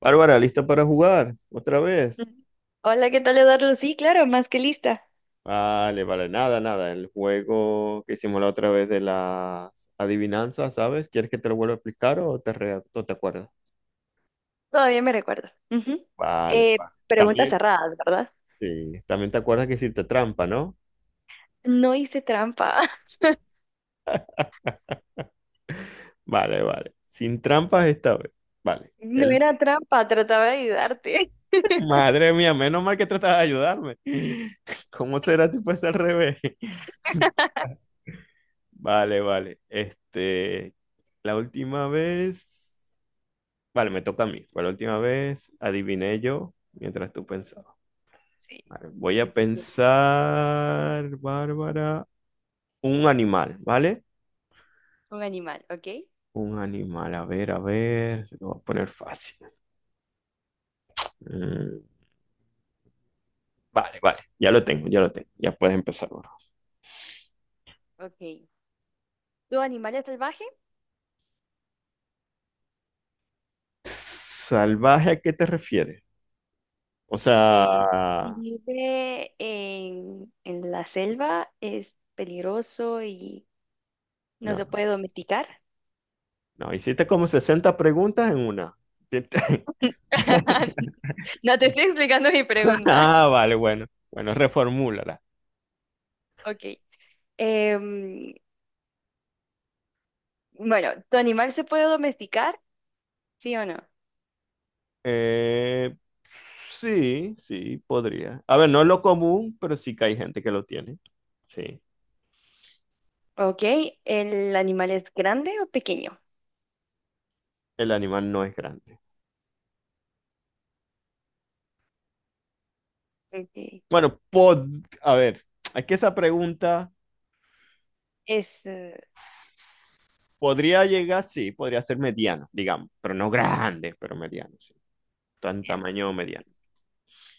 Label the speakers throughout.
Speaker 1: Bárbara, ¿lista para jugar otra vez?
Speaker 2: Ujú. Hola, ¿qué tal, Eduardo? Sí, claro, más que lista.
Speaker 1: Vale, vale, nada, nada. El juego que hicimos la otra vez de las adivinanzas, ¿sabes? ¿Quieres que te lo vuelva a explicar o te, o te acuerdas?
Speaker 2: Todavía me recuerdo. Ujú.
Speaker 1: Vale, vale.
Speaker 2: Preguntas
Speaker 1: También,
Speaker 2: cerradas, ¿verdad?
Speaker 1: sí, también te acuerdas que hiciste trampa, ¿no?
Speaker 2: No hice trampa.
Speaker 1: Vale, vale. Sin trampas esta vez. Vale.
Speaker 2: No
Speaker 1: El...
Speaker 2: era trampa, trataba de ayudarte.
Speaker 1: Madre mía, menos mal que tratas de ayudarme. ¿Cómo será si fuese al revés? Vale, vale. Este, la última vez. Vale, me toca a mí. Por última vez, adiviné yo mientras tú pensabas.
Speaker 2: Sí,
Speaker 1: Vale, voy a
Speaker 2: es tu turno.
Speaker 1: pensar, Bárbara, un animal, ¿vale?
Speaker 2: Un animal, ¿ok?
Speaker 1: Un animal, a ver, se lo voy a poner fácil. Mm, vale, vale, ya lo tengo, ya lo tengo. Ya puedes empezar, Bárbara.
Speaker 2: Ok. ¿Tu animal es salvaje?
Speaker 1: ¿Salvaje a qué te refieres? O
Speaker 2: Eh, si
Speaker 1: sea,
Speaker 2: vive en la selva, es peligroso y no
Speaker 1: no,
Speaker 2: se puede domesticar.
Speaker 1: no, hiciste como 60 preguntas en una.
Speaker 2: No te estoy explicando mi pregunta.
Speaker 1: Ah, vale, bueno, bueno, reformúlala.
Speaker 2: Ok. Em, Bueno, ¿tu animal se puede domesticar? ¿Sí o no?
Speaker 1: Eh, sí, sí, podría. A ver, no es lo común, pero sí que hay gente que lo tiene. Sí,
Speaker 2: Ok, ¿el animal es grande o pequeño?
Speaker 1: el animal no es grande.
Speaker 2: Ok,
Speaker 1: Bueno, a ver, es que esa pregunta
Speaker 2: es... eh,
Speaker 1: podría llegar, sí, podría ser mediano, digamos, pero no grande, pero mediano, sí. Tan
Speaker 2: bien,
Speaker 1: tamaño mediano.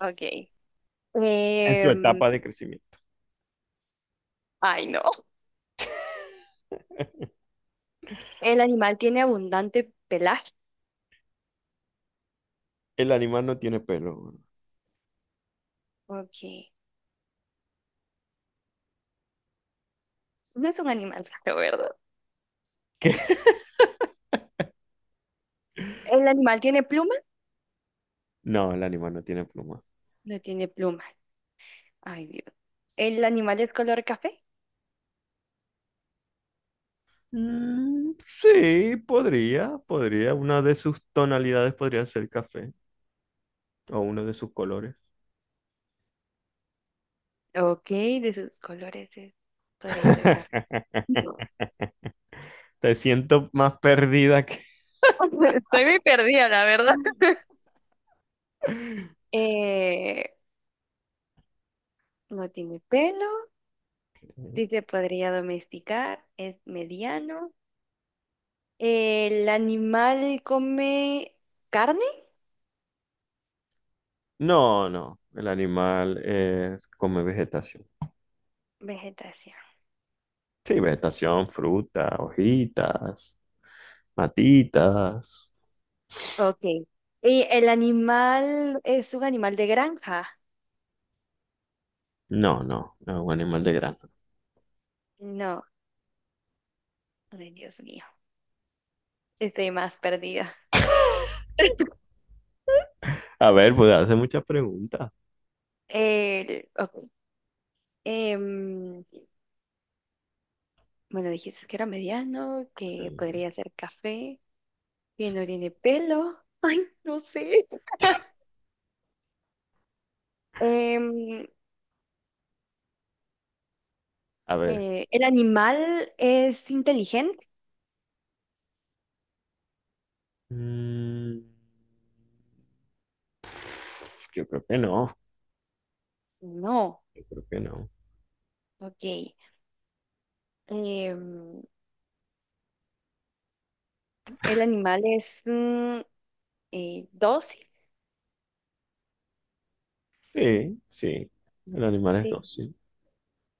Speaker 2: ok.
Speaker 1: En su
Speaker 2: Em,
Speaker 1: etapa de crecimiento.
Speaker 2: ay, no. ¿El animal tiene abundante pelaje?
Speaker 1: El animal no tiene pelo. Bro.
Speaker 2: Ok. No es un animal raro, ¿verdad?
Speaker 1: ¿Qué?
Speaker 2: ¿El animal tiene pluma?
Speaker 1: No, el animal no tiene pluma.
Speaker 2: No tiene plumas. Ay, Dios. ¿El animal es color café?
Speaker 1: Mm, sí, podría, podría. Una de sus tonalidades podría ser café o uno de sus colores.
Speaker 2: Ok, de sus colores es- podría ser café. No.
Speaker 1: Te siento más perdida que...
Speaker 2: Estoy muy perdida, la verdad. Eh, No tiene pelo, sí se podría domesticar, es mediano. ¿El animal come carne?
Speaker 1: No, no, el animal es, come vegetación.
Speaker 2: Vegetación.
Speaker 1: Sí, vegetación, fruta, hojitas, matitas.
Speaker 2: Ok. ¿Y el animal es un animal de granja?
Speaker 1: No, no, no es un animal de grano.
Speaker 2: No. Ay, Dios mío. Estoy más perdida.
Speaker 1: A ver, pues hace muchas preguntas.
Speaker 2: El, ok. Em, bueno, dijiste que era mediano, que
Speaker 1: Sí.
Speaker 2: podría ser café, que no tiene pelo. Ay, no sé. Em,
Speaker 1: A ver.
Speaker 2: ¿El animal es inteligente?
Speaker 1: Mm, yo creo que no,
Speaker 2: No.
Speaker 1: yo creo que no.
Speaker 2: Ok. Em, ¿El animal es dócil?
Speaker 1: Sí, sí, el animal es
Speaker 2: Sí.
Speaker 1: dócil.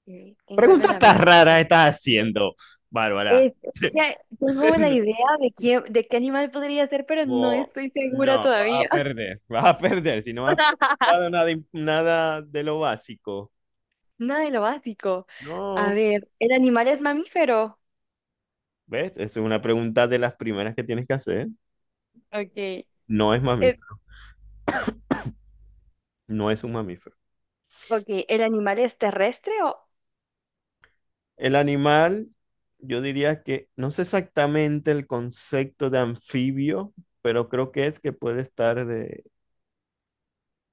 Speaker 2: Eh, tengo algo en
Speaker 1: Preguntas
Speaker 2: la
Speaker 1: tan
Speaker 2: mente.
Speaker 1: raras estás haciendo, Bárbara.
Speaker 2: Es- ya tengo la idea de de qué animal podría ser, pero no
Speaker 1: Bo-
Speaker 2: estoy segura
Speaker 1: No,
Speaker 2: todavía.
Speaker 1: vas a perder si no has preguntado nada, nada de lo básico.
Speaker 2: Nada de lo básico. A
Speaker 1: No,
Speaker 2: ver, ¿el animal es mamífero?
Speaker 1: ¿ves? Esa es una pregunta de las primeras que tienes que hacer.
Speaker 2: Ok.
Speaker 1: No es mamífero, no es un mamífero.
Speaker 2: Ok, ¿el animal es terrestre o
Speaker 1: El animal, yo diría que no sé exactamente el concepto de anfibio, pero creo que es que puede estar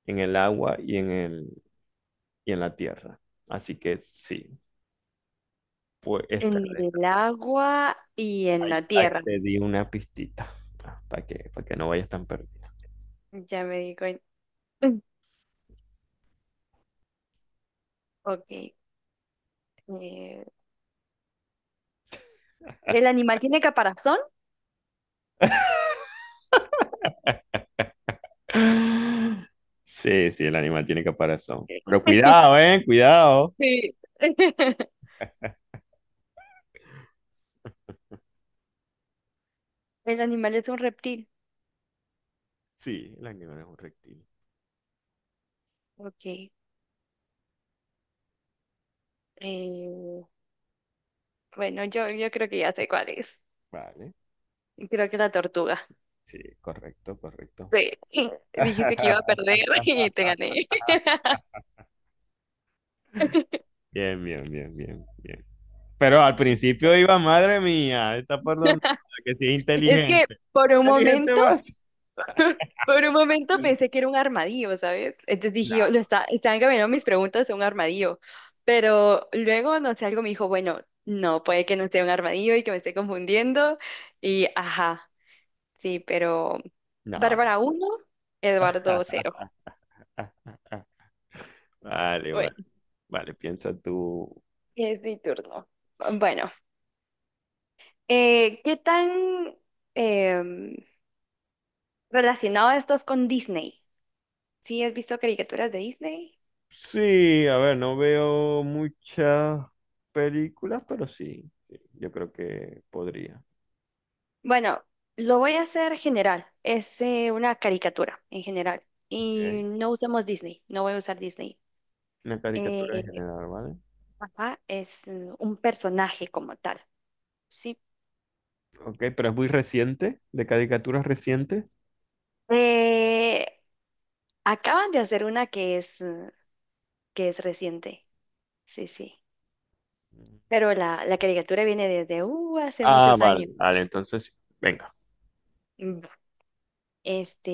Speaker 1: en el agua y y en la tierra. Así que sí, fue
Speaker 2: en
Speaker 1: extraterrestre.
Speaker 2: el agua y en
Speaker 1: Ahí,
Speaker 2: la
Speaker 1: ahí
Speaker 2: tierra?
Speaker 1: te di una pistita para que no vayas tan perdido.
Speaker 2: Ya me di cuenta. Ok. eh, ¿El animal tiene caparazón?
Speaker 1: Sí, sí, el animal tiene caparazón. Pero cuidado, ¿eh? Cuidado.
Speaker 2: Sí. El animal es un reptil.
Speaker 1: Sí, el animal es un reptil.
Speaker 2: Ok. eh, bueno, yo creo que ya sé cuál es.
Speaker 1: Vale.
Speaker 2: Creo que la tortuga.
Speaker 1: Sí, correcto, correcto.
Speaker 2: Sí. Dijiste que iba a perder y te gané.
Speaker 1: Bien, bien, bien, bien, bien. Pero al principio
Speaker 2: Listo.
Speaker 1: iba, madre mía, está por donde que sí es
Speaker 2: Es que
Speaker 1: inteligente.
Speaker 2: por un
Speaker 1: Inteligente
Speaker 2: momento.
Speaker 1: vas.
Speaker 2: Por un momento pensé que era un armadillo, ¿sabes? Entonces dije
Speaker 1: No,
Speaker 2: yo, lo está, están cambiando mis preguntas a un armadillo. Pero luego, no sé, algo me dijo, bueno, no, puede que no sea un armadillo y que me esté confundiendo. Y ajá, sí, pero
Speaker 1: no, no.
Speaker 2: Bárbara uno, Eduardo cero.
Speaker 1: Vale, vale.
Speaker 2: Bueno,
Speaker 1: Vale, piensa tú.
Speaker 2: es mi turno. Bueno, ¿qué tan em, relacionado estás con Disney? ¿Sí has visto caricaturas de Disney?
Speaker 1: Sí, a ver, no veo muchas películas, pero sí, sí, yo creo que podría.
Speaker 2: Bueno, lo voy a hacer general. Es una caricatura en general. Y
Speaker 1: Ok.
Speaker 2: no usamos Disney. No voy a usar Disney.
Speaker 1: Una caricatura en
Speaker 2: Eh,
Speaker 1: general, ¿vale?
Speaker 2: ajá, es un personaje como tal. Sí.
Speaker 1: Ok, pero es muy reciente, de caricaturas recientes.
Speaker 2: Eh, Acaban de hacer una que es reciente. Sí, sí. Pero la caricatura viene desde hace
Speaker 1: Ah,
Speaker 2: muchos
Speaker 1: vale.
Speaker 2: años.
Speaker 1: Vale, entonces, venga.
Speaker 2: Mm, Este,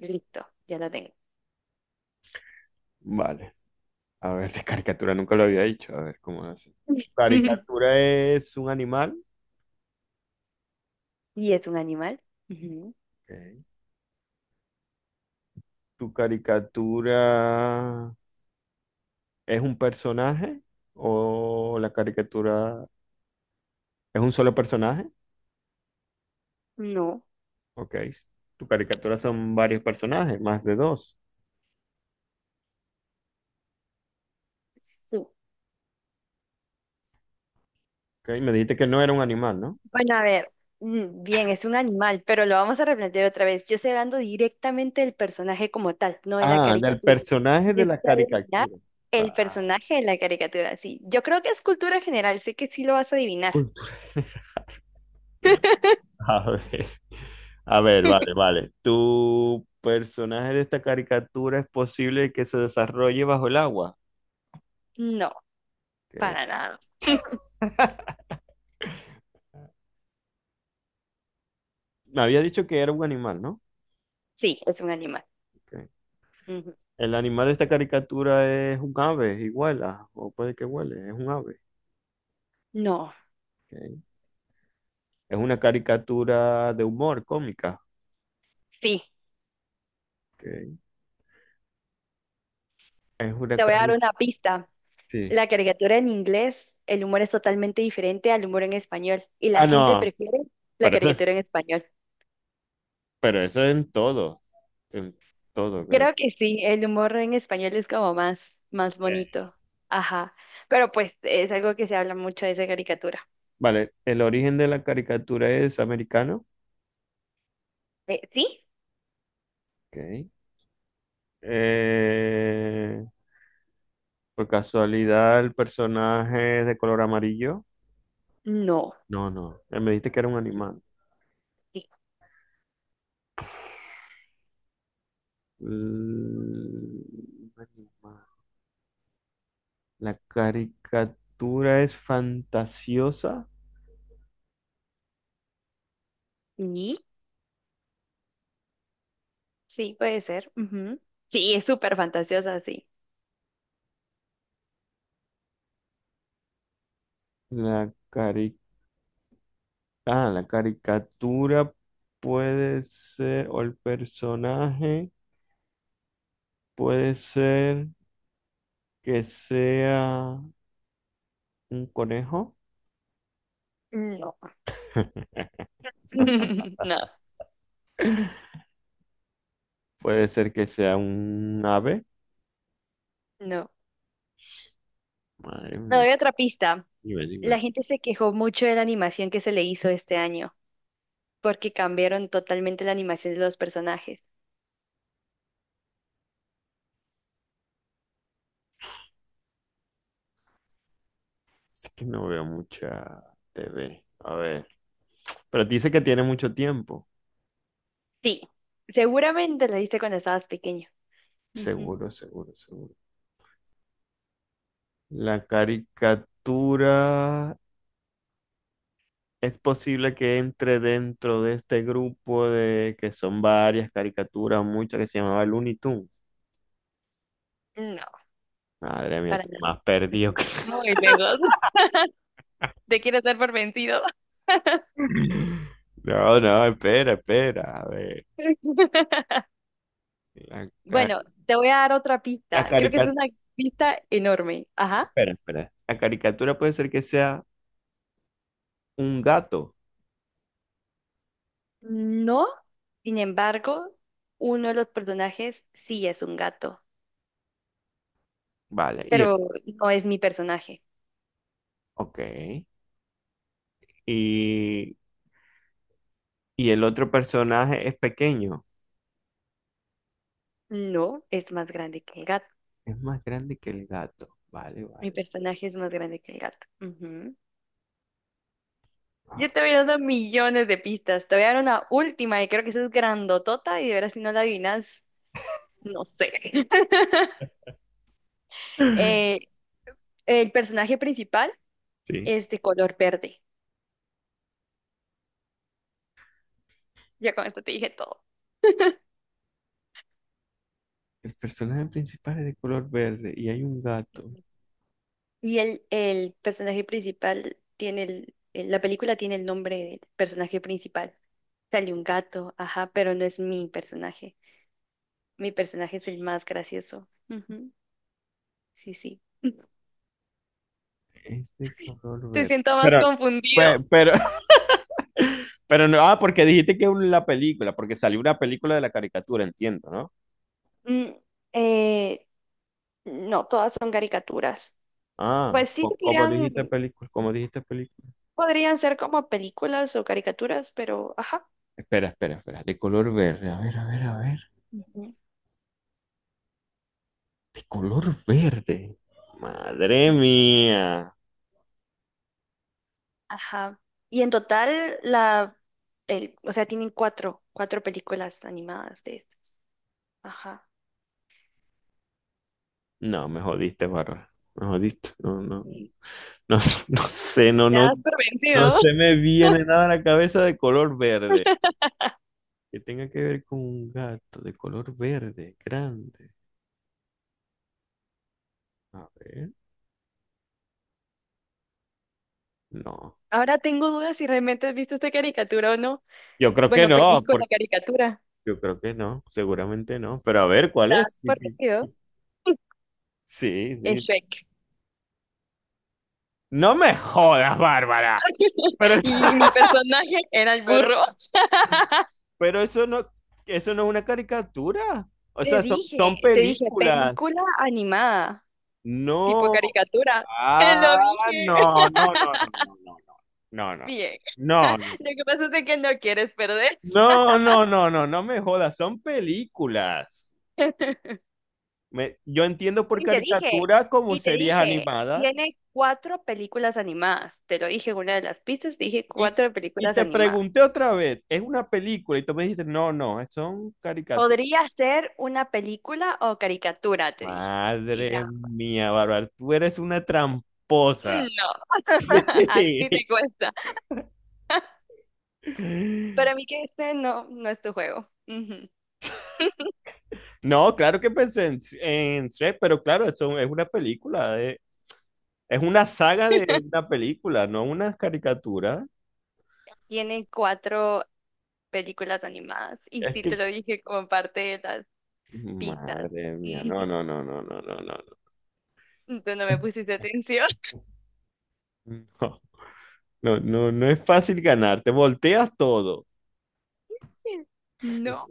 Speaker 2: listo, ya la tengo.
Speaker 1: Vale. A ver, de caricatura nunca lo había dicho. A ver, ¿cómo hace? Caricatura es un animal.
Speaker 2: ¿Y es un animal? Ujú.
Speaker 1: Ok. Tu caricatura, ¿es un personaje o la caricatura es un solo personaje?
Speaker 2: No.
Speaker 1: Ok. Tu caricatura son varios personajes, más de dos.
Speaker 2: Sí.
Speaker 1: Ok, me dijiste que no era un animal, ¿no?
Speaker 2: Bueno, a ver, bien, es un animal, pero lo vamos a replantear otra vez. Yo estoy hablando directamente del personaje como tal, no de la
Speaker 1: Ah, del
Speaker 2: caricatura.
Speaker 1: personaje de
Speaker 2: Tienes
Speaker 1: la
Speaker 2: que adivinar
Speaker 1: caricatura.
Speaker 2: el
Speaker 1: Va,
Speaker 2: personaje de la caricatura, sí. Yo creo que es cultura general, sé que sí lo vas a adivinar.
Speaker 1: cultura. A ver. A ver, vale, vale. ¿Tu personaje de esta caricatura es posible que se desarrolle bajo el agua?
Speaker 2: No,
Speaker 1: Ok.
Speaker 2: para nada.
Speaker 1: Me había dicho que era un animal, ¿no?
Speaker 2: Sí, es un animal.
Speaker 1: Ok.
Speaker 2: Ujú.
Speaker 1: El animal de esta caricatura es un ave, igual, ah, o puede que huele, es un ave.
Speaker 2: No,
Speaker 1: Ok. Es una caricatura de humor cómica.
Speaker 2: sí.
Speaker 1: Ok. Es una
Speaker 2: Te voy a dar
Speaker 1: caricatura.
Speaker 2: una pista.
Speaker 1: Sí.
Speaker 2: La caricatura en inglés, el humor es totalmente diferente al humor en español y la
Speaker 1: Ah,
Speaker 2: gente
Speaker 1: no,
Speaker 2: prefiere la
Speaker 1: pero eso es,
Speaker 2: caricatura en español.
Speaker 1: pero eso es en todo creo.
Speaker 2: Creo que sí, el humor en español es como más
Speaker 1: Eh.
Speaker 2: bonito. Ajá. Pero pues es algo que se habla mucho de esa caricatura.
Speaker 1: Vale, el origen de la caricatura es americano.
Speaker 2: ¿Sí?
Speaker 1: Ok. Eh, por casualidad, el personaje es de color amarillo.
Speaker 2: No.
Speaker 1: No, no, me dijiste que era un
Speaker 2: Sí.
Speaker 1: animal. Mm, un animal. La caricatura es fantasiosa.
Speaker 2: ¿Sí? Sí, puede ser. Ujú. Sí, es súper fantasiosa, sí.
Speaker 1: La cari- ah, la caricatura puede ser, o el personaje puede ser que sea un conejo.
Speaker 2: No. No,
Speaker 1: Puede ser que sea un ave.
Speaker 2: no.
Speaker 1: Madre
Speaker 2: Me
Speaker 1: mía,
Speaker 2: doy otra pista.
Speaker 1: dime,
Speaker 2: La
Speaker 1: dime.
Speaker 2: gente se quejó mucho de la animación que se le hizo este año, porque cambiaron totalmente la animación de los personajes.
Speaker 1: Es que no veo mucha TV. A ver, pero dice que tiene mucho tiempo.
Speaker 2: Sí, seguramente lo viste cuando estabas pequeño. Ujú.
Speaker 1: Seguro, seguro, seguro. La caricatura es posible que entre dentro de este grupo de que son varias caricaturas, muchas que se llamaba Looney Tunes.
Speaker 2: No,
Speaker 1: Madre mía,
Speaker 2: para
Speaker 1: tú
Speaker 2: nada.
Speaker 1: más perdido que...
Speaker 2: Muy lejos. Te quieres dar por vencido.
Speaker 1: No, no, espera, espera. A ver, la, ca-
Speaker 2: Bueno, te voy a dar otra
Speaker 1: la
Speaker 2: pista. Creo que es
Speaker 1: caricatura...
Speaker 2: una pista enorme. Ajá.
Speaker 1: Espera, espera. La caricatura puede ser que sea un gato.
Speaker 2: No, sin embargo, uno de los personajes sí es un gato,
Speaker 1: Vale, y el...
Speaker 2: pero no es mi personaje.
Speaker 1: Ok. Y, y el otro personaje es pequeño.
Speaker 2: No, es más grande que el gato.
Speaker 1: Es más grande que el gato. Vale,
Speaker 2: Mi
Speaker 1: vale.
Speaker 2: personaje es más grande que el gato. Ujú. Yo te voy dando millones de pistas. Te voy a dar una última y creo que esa es grandotota y de veras si no la adivinas, no sé. Eh, El personaje principal
Speaker 1: Sí,
Speaker 2: es de color verde. Ya con esto te dije todo.
Speaker 1: el personaje principal es de color verde y hay un gato.
Speaker 2: Ujú. Y el personaje principal tiene el- la película tiene el nombre del personaje principal. Sale un gato, ajá, pero no es mi personaje. Mi personaje es el más gracioso. Ujú, sí, sí.
Speaker 1: Es de color
Speaker 2: Te
Speaker 1: verde.
Speaker 2: siento más
Speaker 1: Pero,
Speaker 2: confundido.
Speaker 1: pero, pero no, ah, porque dijiste que la película, porque salió una película de la caricatura, entiendo, ¿no?
Speaker 2: Mm, eh, no, todas son caricaturas.
Speaker 1: Ah,
Speaker 2: Pues sí
Speaker 1: como dijiste película, como dijiste película.
Speaker 2: podrían ser como películas o caricaturas, pero ajá.
Speaker 1: Espera, espera, espera, de color verde, a ver, a ver, a ver,
Speaker 2: Ujú.
Speaker 1: de color verde. Madre mía.
Speaker 2: Ajá. Y en total, la, el, o sea, tienen cuatro películas animadas de estas. Ajá.
Speaker 1: No, me jodiste, Barra. Me jodiste. No, no,
Speaker 2: Sí.
Speaker 1: no, no sé, no,
Speaker 2: Ya
Speaker 1: no.
Speaker 2: has
Speaker 1: No
Speaker 2: pervencido.
Speaker 1: se me viene nada a la cabeza de color verde. Que tenga que ver con un gato de color verde, grande. A ver. No.
Speaker 2: Ahora tengo dudas si realmente has visto esta caricatura o no.
Speaker 1: Yo creo que
Speaker 2: Bueno,
Speaker 1: no,
Speaker 2: película,
Speaker 1: porque
Speaker 2: caricatura.
Speaker 1: yo creo que no, seguramente no. Pero a ver, ¿cuál
Speaker 2: Ya has
Speaker 1: es? Sí,
Speaker 2: pervencido.
Speaker 1: sí, sí.
Speaker 2: Es
Speaker 1: Sí.
Speaker 2: Shrek.
Speaker 1: No me jodas, Bárbara. Pero,
Speaker 2: Y mi personaje era el
Speaker 1: pero,
Speaker 2: burro.
Speaker 1: pero eso no es una caricatura. O
Speaker 2: Te
Speaker 1: sea, son,
Speaker 2: dije,
Speaker 1: son
Speaker 2: te dije,
Speaker 1: películas.
Speaker 2: película animada tipo
Speaker 1: No.
Speaker 2: caricatura. Te lo
Speaker 1: Ah,
Speaker 2: dije.
Speaker 1: no, no, no, no, no, no, no, no, no.
Speaker 2: Bien. Lo
Speaker 1: No, no.
Speaker 2: que pasa es de que no quieres perder.
Speaker 1: No, no, no, no, no me jodas, son películas. Yo entiendo por
Speaker 2: Y te dije,
Speaker 1: caricatura como
Speaker 2: y te
Speaker 1: series
Speaker 2: dije,
Speaker 1: animadas.
Speaker 2: tiene cuatro películas animadas. Te lo dije en una de las pistas, dije
Speaker 1: Y,
Speaker 2: cuatro
Speaker 1: y
Speaker 2: películas
Speaker 1: te
Speaker 2: animadas.
Speaker 1: pregunté otra vez, ¿es una película? Y tú me dijiste, no, no, son caricaturas.
Speaker 2: Podría ser una película o caricatura, te dije. Dije,
Speaker 1: Madre
Speaker 2: ah,
Speaker 1: mía, Bárbara, tú eres una tramposa.
Speaker 2: no, a ti te cuesta. Para mí que este no, no es tu juego. Ujú.
Speaker 1: No, claro que pensé en Shrek, pero claro, eso es una película, es una saga de una película, no una caricatura.
Speaker 2: Tiene cuatro películas animadas y
Speaker 1: Es
Speaker 2: sí te
Speaker 1: que,
Speaker 2: lo dije como parte de las pistas.
Speaker 1: madre mía, no, no,
Speaker 2: Ujú.
Speaker 1: no, no, no, no, no. No.
Speaker 2: Tú no me pusiste atención.
Speaker 1: No, no, no, no es fácil ganar, te volteas todo.
Speaker 2: No.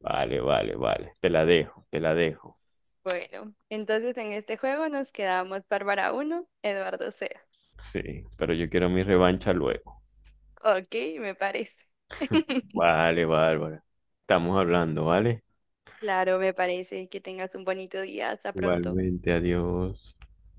Speaker 1: Vale, vale, vale, te la dejo, te la dejo.
Speaker 2: Bueno, entonces en este juego nos quedamos Bárbara uno, Eduardo 0.
Speaker 1: Sí, pero yo quiero mi revancha luego.
Speaker 2: Ok, me parece.
Speaker 1: Vale, Bárbara. Estamos hablando, ¿vale?
Speaker 2: Claro, me parece. Que tengas un bonito día. Hasta pronto.
Speaker 1: Igualmente, adiós.